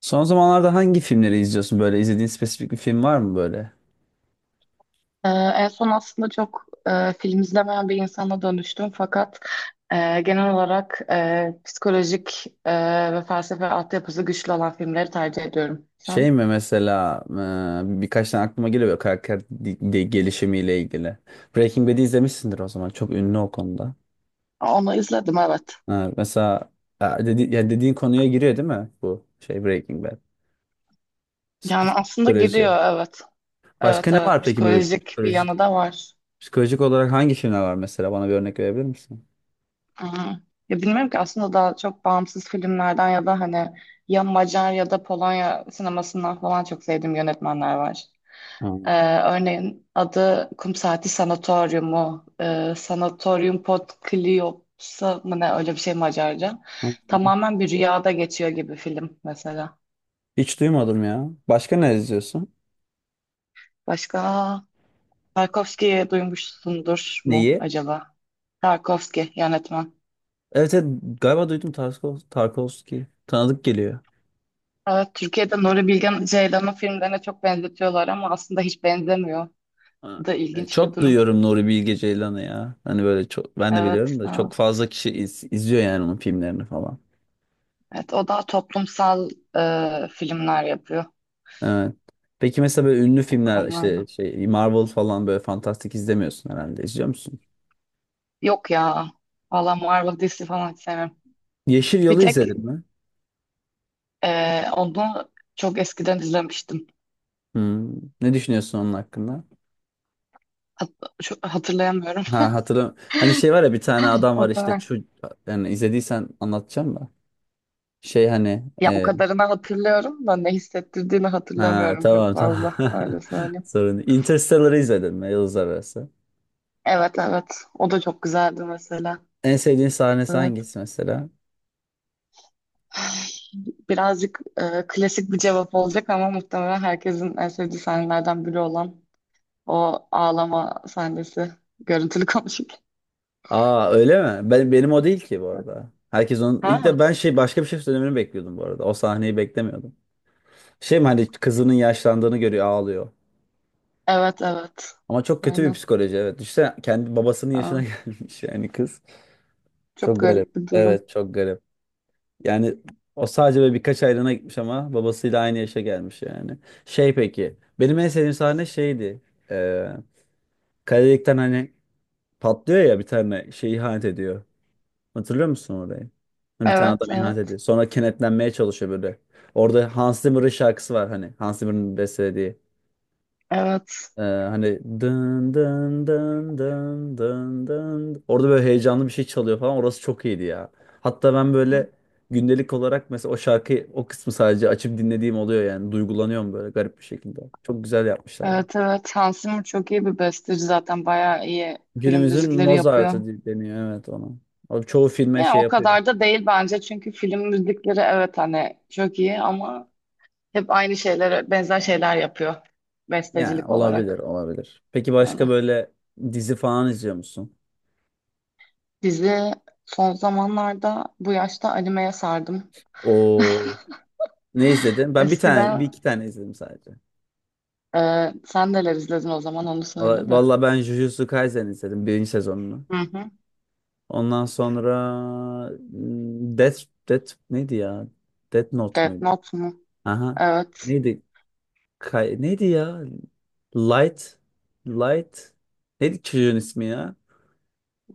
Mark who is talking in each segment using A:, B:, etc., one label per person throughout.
A: Son zamanlarda hangi filmleri izliyorsun böyle? İzlediğin spesifik bir film var mı böyle?
B: En son aslında çok film izlemeyen bir insana dönüştüm fakat genel olarak psikolojik ve felsefe altyapısı güçlü olan filmleri tercih ediyorum.
A: Şey
B: Sen?
A: mi mesela birkaç tane aklıma geliyor böyle karakter gelişimiyle ilgili. Breaking Bad'i izlemişsindir o zaman. Çok ünlü o konuda.
B: Onu izledim, evet.
A: Ha, mesela ya dediğin konuya giriyor değil mi bu şey Breaking Bad?
B: Yani aslında
A: Psikoloji.
B: giriyor, evet.
A: Başka
B: Evet,
A: ne
B: evet,
A: var peki böyle
B: psikolojik bir yanı da var.
A: psikolojik olarak hangi filmler var mesela? Bana bir örnek verebilir misin?
B: Hı hı. Ya bilmiyorum ki, aslında daha çok bağımsız filmlerden ya da hani ya Macar ya da Polonya sinemasından falan çok sevdiğim yönetmenler var.
A: Ha,
B: Ee, örneğin adı Kum Saati Sanatoryumu, Sanatorium Potkliopsa mı ne, öyle bir şey Macarca.
A: ha.
B: Tamamen bir rüyada geçiyor gibi film mesela.
A: Hiç duymadım ya. Başka ne izliyorsun?
B: Başka Tarkovski'yi duymuşsundur mu
A: Neyi?
B: acaba? Tarkovski yönetmen.
A: Evet, evet, galiba duydum Tarkovski. Tanıdık geliyor.
B: Evet, Türkiye'de Nuri Bilge Ceylan'ın filmlerine çok benzetiyorlar ama aslında hiç benzemiyor.
A: Ha,
B: Bu da ilginç bir
A: çok
B: durum.
A: duyuyorum Nuri Bilge Ceylan'ı ya. Hani böyle çok ben de
B: Evet,
A: biliyorum da çok
B: evet.
A: fazla kişi izliyor yani onun filmlerini falan.
B: Evet, o daha toplumsal filmler yapıyor
A: Evet. Peki mesela böyle ünlü
B: o
A: filmler
B: konularda.
A: işte şey Marvel falan böyle fantastik izlemiyorsun herhalde. İzliyor musun?
B: Yok ya. Valla Marvel DC falan hiç sevmem.
A: Yeşil
B: Bir
A: Yol'u
B: tek
A: izledin mi?
B: onu çok eskiden izlemiştim.
A: Hmm. Ne düşünüyorsun onun hakkında?
B: Hat hatırlayamıyorum.
A: Ha, hatırlam. Hani şey var ya bir tane adam
B: O
A: var işte
B: kadar.
A: şu yani izlediysen anlatacağım da. Şey hani
B: Ya o
A: e,
B: kadarını hatırlıyorum da ne hissettirdiğini
A: Ha,
B: hatırlamıyorum çok
A: tamam, tamam.
B: fazla. Öyle söyleyeyim.
A: Sorun değil. Interstellar'ı izledim mi, Yıldız Arası?
B: Evet, evet. O da çok güzeldi mesela.
A: En sevdiğin sahnesi
B: Evet.
A: hangisi mesela?
B: Birazcık klasik bir cevap olacak ama muhtemelen herkesin en sevdiği sahnelerden biri olan o ağlama sahnesi. Görüntülü konuşurken.
A: Aa, öyle mi? Benim o değil ki bu arada. Herkes onun ilk de
B: Ha,
A: ben şey başka bir şey söylemeni bekliyordum bu arada. O sahneyi beklemiyordum. Şey mi hani kızının yaşlandığını görüyor, ağlıyor.
B: evet, evet.
A: Ama çok kötü bir
B: Aynen.
A: psikoloji, evet. İşte kendi babasının yaşına gelmiş yani kız.
B: Çok
A: Çok garip.
B: garip bir durum.
A: Evet, çok garip. Yani o sadece böyle birkaç aylığına gitmiş ama babasıyla aynı yaşa gelmiş yani. Şey peki. Benim en sevdiğim sahne şeydi. Ee, kaledelikten hani patlıyor ya, bir tane şey ihanet ediyor. Hatırlıyor musun orayı? Bir tane
B: Evet,
A: adam ihanet
B: evet,
A: ediyor. Sonra kenetlenmeye çalışıyor böyle. Orada Hans Zimmer'ın şarkısı var hani. Hans Zimmer'ın bestelediği.
B: evet.
A: Hani dın dın dın dın dın dın. Orada böyle heyecanlı bir şey çalıyor falan. Orası çok iyiydi ya. Hatta ben böyle gündelik olarak mesela o şarkıyı, o kısmı sadece açıp dinlediğim oluyor yani. Duygulanıyorum böyle garip bir şekilde. Çok güzel yapmışlar, ya.
B: Evet, evet. Hans Zimmer çok iyi bir besteci zaten. Bayağı iyi film
A: Günümüzün
B: müzikleri yapıyor.
A: Mozart'ı deniyor evet ona. O çoğu filme
B: Yani
A: şey
B: o
A: yapıyor.
B: kadar da değil bence. Çünkü film müzikleri evet hani çok iyi ama hep aynı şeylere benzer şeyler yapıyor.
A: Yani
B: Bestecilik
A: olabilir,
B: olarak.
A: olabilir. Peki
B: Yani
A: başka böyle dizi falan izliyor musun?
B: dizi son zamanlarda bu yaşta animeye sardım.
A: O, ne izledin? Ben bir
B: Eskiden
A: iki tane izledim sadece.
B: sen neler izledin o zaman, onu
A: Valla
B: söyle de.
A: valla ben Jujutsu Kaisen izledim birinci sezonunu.
B: Hı hı.
A: Ondan sonra hmm, Death, Death neydi ya? Death Note
B: Death
A: muydu?
B: Note mu?
A: Aha.
B: Evet.
A: Neydi? Neydi ya? Light. Light. Neydi çocuğun ismi ya?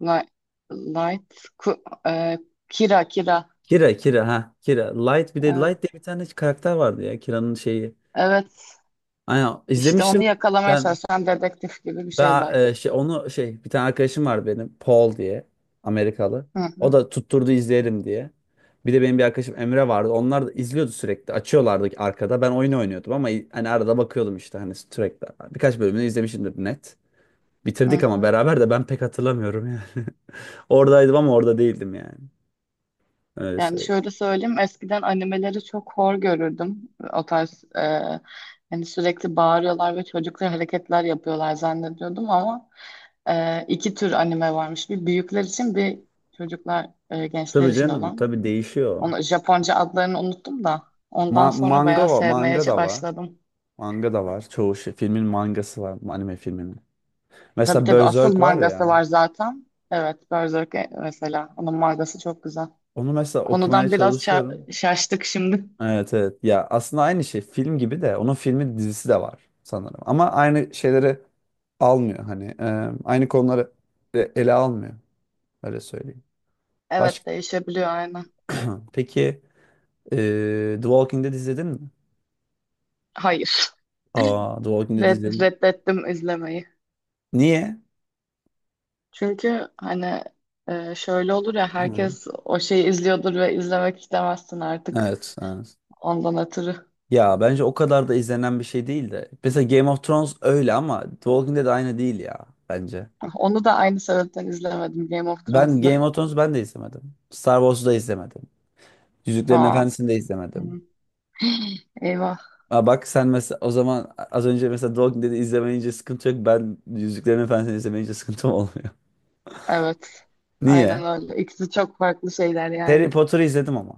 B: Light, light ku- e, Kira Kira.
A: Kira, Kira, ha. Kira. Light, bir de
B: E,
A: Light diye bir tane karakter vardı ya. Kira'nın şeyi.
B: evet.
A: Aynen,
B: İşte onu
A: izlemiştim
B: yakalamaya
A: ben.
B: çalışan dedektif gibi bir şey
A: Ben
B: Light.
A: şey, onu şey, bir tane arkadaşım var benim, Paul diye, Amerikalı.
B: Hı
A: O
B: hı,
A: da tutturdu izleyelim diye. Bir de benim bir arkadaşım Emre vardı. Onlar da izliyordu sürekli. Açıyorlardı arkada. Ben oyun oynuyordum ama hani arada bakıyordum işte, hani sürekli. Birkaç bölümünü izlemişimdir net.
B: hı
A: Bitirdik ama
B: hı.
A: beraber, de ben pek hatırlamıyorum yani. Oradaydım ama orada değildim yani. Öyle
B: Yani
A: söyleyeyim.
B: şöyle söyleyeyim, eskiden animeleri çok hor görürdüm. O tarz hani sürekli bağırıyorlar ve çocuklar hareketler yapıyorlar zannediyordum ama iki tür anime varmış. Bir büyükler için, bir çocuklar, gençler
A: Tabii
B: için
A: canım,
B: olan.
A: tabii değişiyor.
B: Onu Japonca adlarını unuttum da ondan
A: Ma
B: sonra
A: manga
B: bayağı
A: var,
B: sevmeye
A: manga da var.
B: başladım.
A: Manga da var. Çoğu şey. Filmin mangası var. Anime filminin.
B: Tabii
A: Mesela
B: tabii asıl
A: Berserk var ya.
B: mangası var zaten. Evet Berserk mesela onun mangası çok güzel.
A: Onu mesela okumaya
B: Konudan biraz
A: çalışıyorum.
B: şaştık şimdi.
A: Evet, evet. Ya aslında aynı şey film gibi de, onun filmi dizisi de var sanırım. Ama aynı şeyleri almıyor hani, aynı konuları ele almıyor, öyle söyleyeyim. Baş
B: Evet değişebiliyor aynen.
A: peki, e, The Walking Dead izledin mi?
B: Hayır.
A: Aa, The Walking Dead izledim.
B: Reddettim izlemeyi.
A: Niye?
B: Çünkü hani şöyle olur ya,
A: Hmm.
B: herkes o şeyi izliyordur ve izlemek istemezsin artık
A: Evet, evet.
B: ondan ötürü.
A: Ya bence o kadar da izlenen bir şey değil de. Mesela Game of Thrones öyle ama The Walking Dead aynı değil ya bence.
B: Onu da aynı sebepten izlemedim, Game of
A: Ben
B: Thrones'da.
A: Game of Thrones, ben de izlemedim. Star Wars'u da izlemedim. Yüzüklerin
B: Aa,
A: Efendisi'ni de
B: hı,
A: izlemedim.
B: eyvah.
A: Aa, bak sen mesela, o zaman az önce mesela Dog dedi, izlemeyince sıkıntı yok. Ben Yüzüklerin Efendisi'ni izlemeyince sıkıntım olmuyor.
B: Evet.
A: Niye?
B: Aynen öyle. İkisi çok farklı şeyler
A: Harry
B: yani.
A: Potter'ı izledim ama.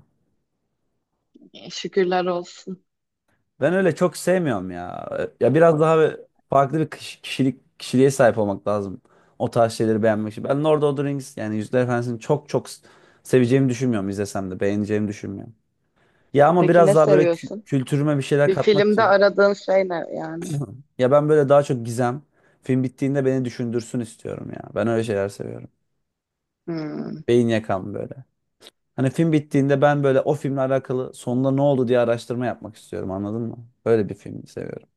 B: Şükürler olsun.
A: Ben öyle çok sevmiyorum ya. Ya biraz daha böyle farklı bir kiş- kişilik kişiliğe sahip olmak lazım. O tarz şeyleri beğenmek için. Ben Lord of the Rings, yani Yüzüklerin Efendisi'ni çok çok seveceğimi düşünmüyorum, izlesem de beğeneceğimi düşünmüyorum. Ya ama
B: Peki
A: biraz
B: ne
A: daha böyle
B: seviyorsun?
A: kültürüme bir şeyler
B: Bir
A: katmak
B: filmde
A: için.
B: aradığın şey ne yani?
A: Ya ben böyle daha çok gizem. Film bittiğinde beni düşündürsün istiyorum ya. Ben öyle şeyler seviyorum.
B: Hmm.
A: Beyin yakan böyle. Hani film bittiğinde ben böyle o filmle alakalı sonunda ne oldu diye araştırma yapmak istiyorum, anladın mı? Böyle bir film seviyorum.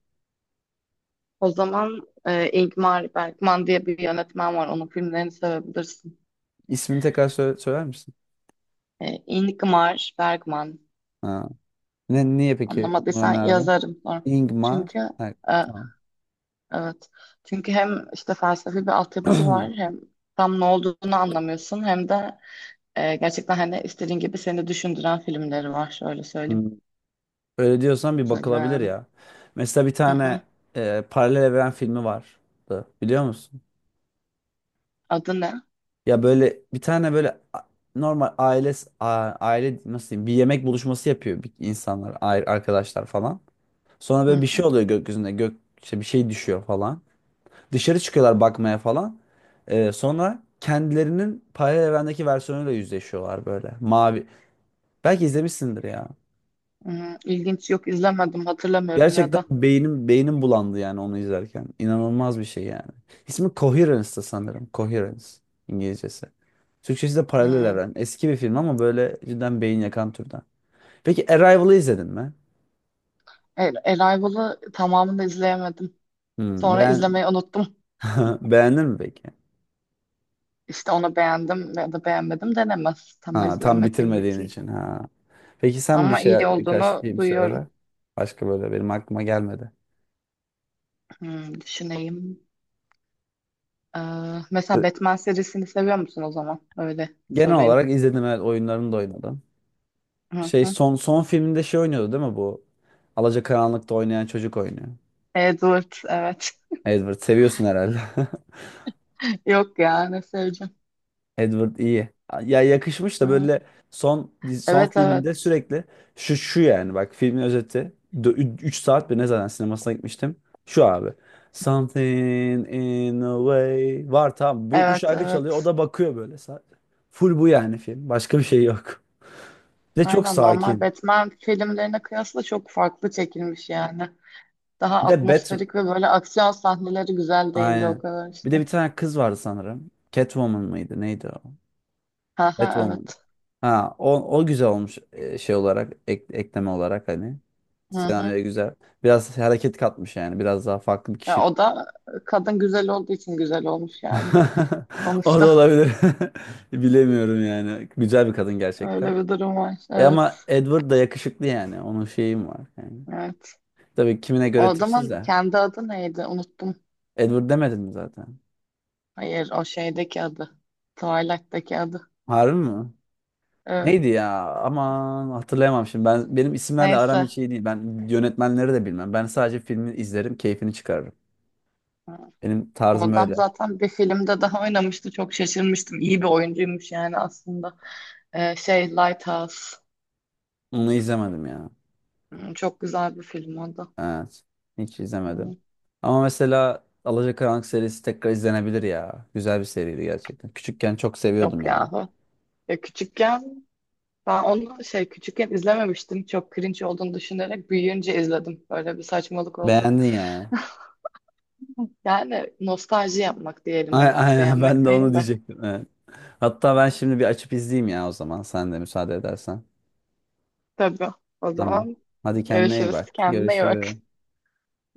B: O zaman Ingmar Bergman diye bir yönetmen var. Onun filmlerini sevebilirsin.
A: İsmini tekrar söyler misin?
B: E, Ingmar Bergman.
A: Ha. Niye peki onu
B: Anlamadıysan
A: önerdin?
B: yazarım sonra.
A: Ingmar.
B: Çünkü
A: Ha,
B: e,
A: tamam.
B: evet. Çünkü hem işte felsefi bir altyapısı var, hem tam ne olduğunu anlamıyorsun, hem de gerçekten hani istediğin gibi seni düşündüren filmleri var. Şöyle söyleyeyim,
A: Hmm. Öyle diyorsan bir
B: kısaca
A: bakılabilir
B: yani.
A: ya. Mesela bir
B: Hı hı.
A: tane paralel evren filmi vardı. Biliyor musun?
B: Adı ne?
A: Ya böyle bir tane böyle normal aile, nasıl diyeyim, bir yemek buluşması yapıyor, insanlar, arkadaşlar falan. Sonra böyle bir
B: Hı.
A: şey oluyor gökyüzünde, gök işte bir şey düşüyor falan. Dışarı çıkıyorlar bakmaya falan. Sonra kendilerinin paralel evrendeki versiyonuyla yüzleşiyorlar böyle. Mavi. Belki izlemişsindir ya.
B: Hmm, ilginç, yok izlemedim, hatırlamıyorum ya
A: Gerçekten
B: da.
A: beynim bulandı yani onu izlerken. İnanılmaz bir şey yani. İsmi Coherence'da sanırım. Coherence, İngilizcesi. Türkçesi de Paralel
B: Hmm.
A: Evren. Eski bir film ama böyle cidden beyin yakan türden. Peki Arrival'ı izledin mi?
B: Arrival'ı tamamını da izleyemedim.
A: Hmm,
B: Sonra
A: beğen...
B: izlemeyi unuttum.
A: Beğendin mi peki?
B: İşte onu beğendim ya da beğenmedim denemez. Tam
A: Ha, tam
B: izlemediğim
A: bitirmediğin
B: için.
A: için. Ha. Peki sen bir
B: Ama
A: şey,
B: iyi
A: birkaç
B: olduğunu
A: film
B: duyuyorum.
A: söyle. Başka böyle benim aklıma gelmedi.
B: Hmm, düşüneyim. Ee, mesela Batman serisini seviyor musun o zaman? Öyle
A: Genel
B: sorayım.
A: olarak izledim, evet, oyunlarını da oynadım.
B: Hı
A: Şey,
B: hı.
A: son filminde şey oynuyordu değil mi bu? Alacakaranlık'ta oynayan çocuk oynuyor.
B: Edward evet.
A: Edward seviyorsun herhalde.
B: Yok ya, ne seveceğim.
A: Edward iyi. Ya yakışmış da
B: Ha.
A: böyle, son son
B: Evet,
A: filminde
B: evet.
A: sürekli şu, yani bak filmin özeti 3 saat, bir ne zaten sinemasına gitmiştim. Şu abi. Something in a way. Var, tamam. Bu
B: Evet,
A: şarkı çalıyor. O
B: evet.
A: da bakıyor böyle, sadece. Full bu yani film. Başka bir şey yok. Bir de çok
B: Aynen, normal
A: sakin.
B: Batman filmlerine kıyasla çok farklı çekilmiş yani. Daha
A: Bir de Bat,
B: atmosferik ve böyle aksiyon sahneleri güzel değildi o
A: aynen.
B: kadar
A: Bir de
B: işte.
A: bir tane kız vardı sanırım. Catwoman mıydı? Neydi o?
B: Aha,
A: Catwoman.
B: evet.
A: Ha, o güzel olmuş, şey olarak, ekleme olarak hani.
B: Hı hı.
A: Senaryoya güzel. Biraz hareket katmış yani. Biraz daha farklı bir
B: Ya
A: kişi.
B: o da kadın güzel olduğu için güzel olmuş yani.
A: O da
B: Sonuçta
A: olabilir. Bilemiyorum yani. Güzel bir kadın gerçekten.
B: öyle bir durum var.
A: Ama
B: Evet.
A: Edward da yakışıklı yani. Onun şeyim var yani.
B: Evet.
A: Tabii kimine
B: O
A: göre tipsiz
B: adamın
A: de.
B: kendi adı neydi? Unuttum.
A: Edward demedin mi zaten?
B: Hayır, o şeydeki adı. Twilight'teki adı.
A: Harbi mi? Neydi
B: Evet.
A: ya? Aman, hatırlayamam şimdi. Benim isimlerle aram
B: Neyse.
A: hiç iyi değil. Ben yönetmenleri de bilmem. Ben sadece filmi izlerim, keyfini çıkarırım. Benim
B: O
A: tarzım
B: adam
A: öyle.
B: zaten bir filmde daha oynamıştı. Çok şaşırmıştım. İyi bir oyuncuymuş yani aslında. Şey Lighthouse.
A: Onu izlemedim ya.
B: Hmm, çok güzel bir film o da.
A: Evet. Hiç
B: Hmm,
A: izlemedim. Ama mesela Alacakaranlık serisi tekrar izlenebilir ya. Güzel bir seriydi gerçekten. Küçükken çok seviyordum
B: yok
A: yani.
B: ya. Ya küçükken ben onu şey küçükken izlememiştim. Çok cringe olduğunu düşünerek büyüyünce izledim. Böyle bir saçmalık oldu.
A: Beğendin yani.
B: Yani nostalji yapmak diyelim
A: Ay-
B: ona.
A: Aynen
B: Beğenmek
A: ben de onu
B: değil de.
A: diyecektim. Evet. Hatta ben şimdi bir açıp izleyeyim ya, o zaman, sen de müsaade edersen.
B: Tabii. O
A: Tamam.
B: zaman
A: Hadi, kendine iyi
B: görüşürüz.
A: bak.
B: Kendine iyi bak.
A: Görüşürüz.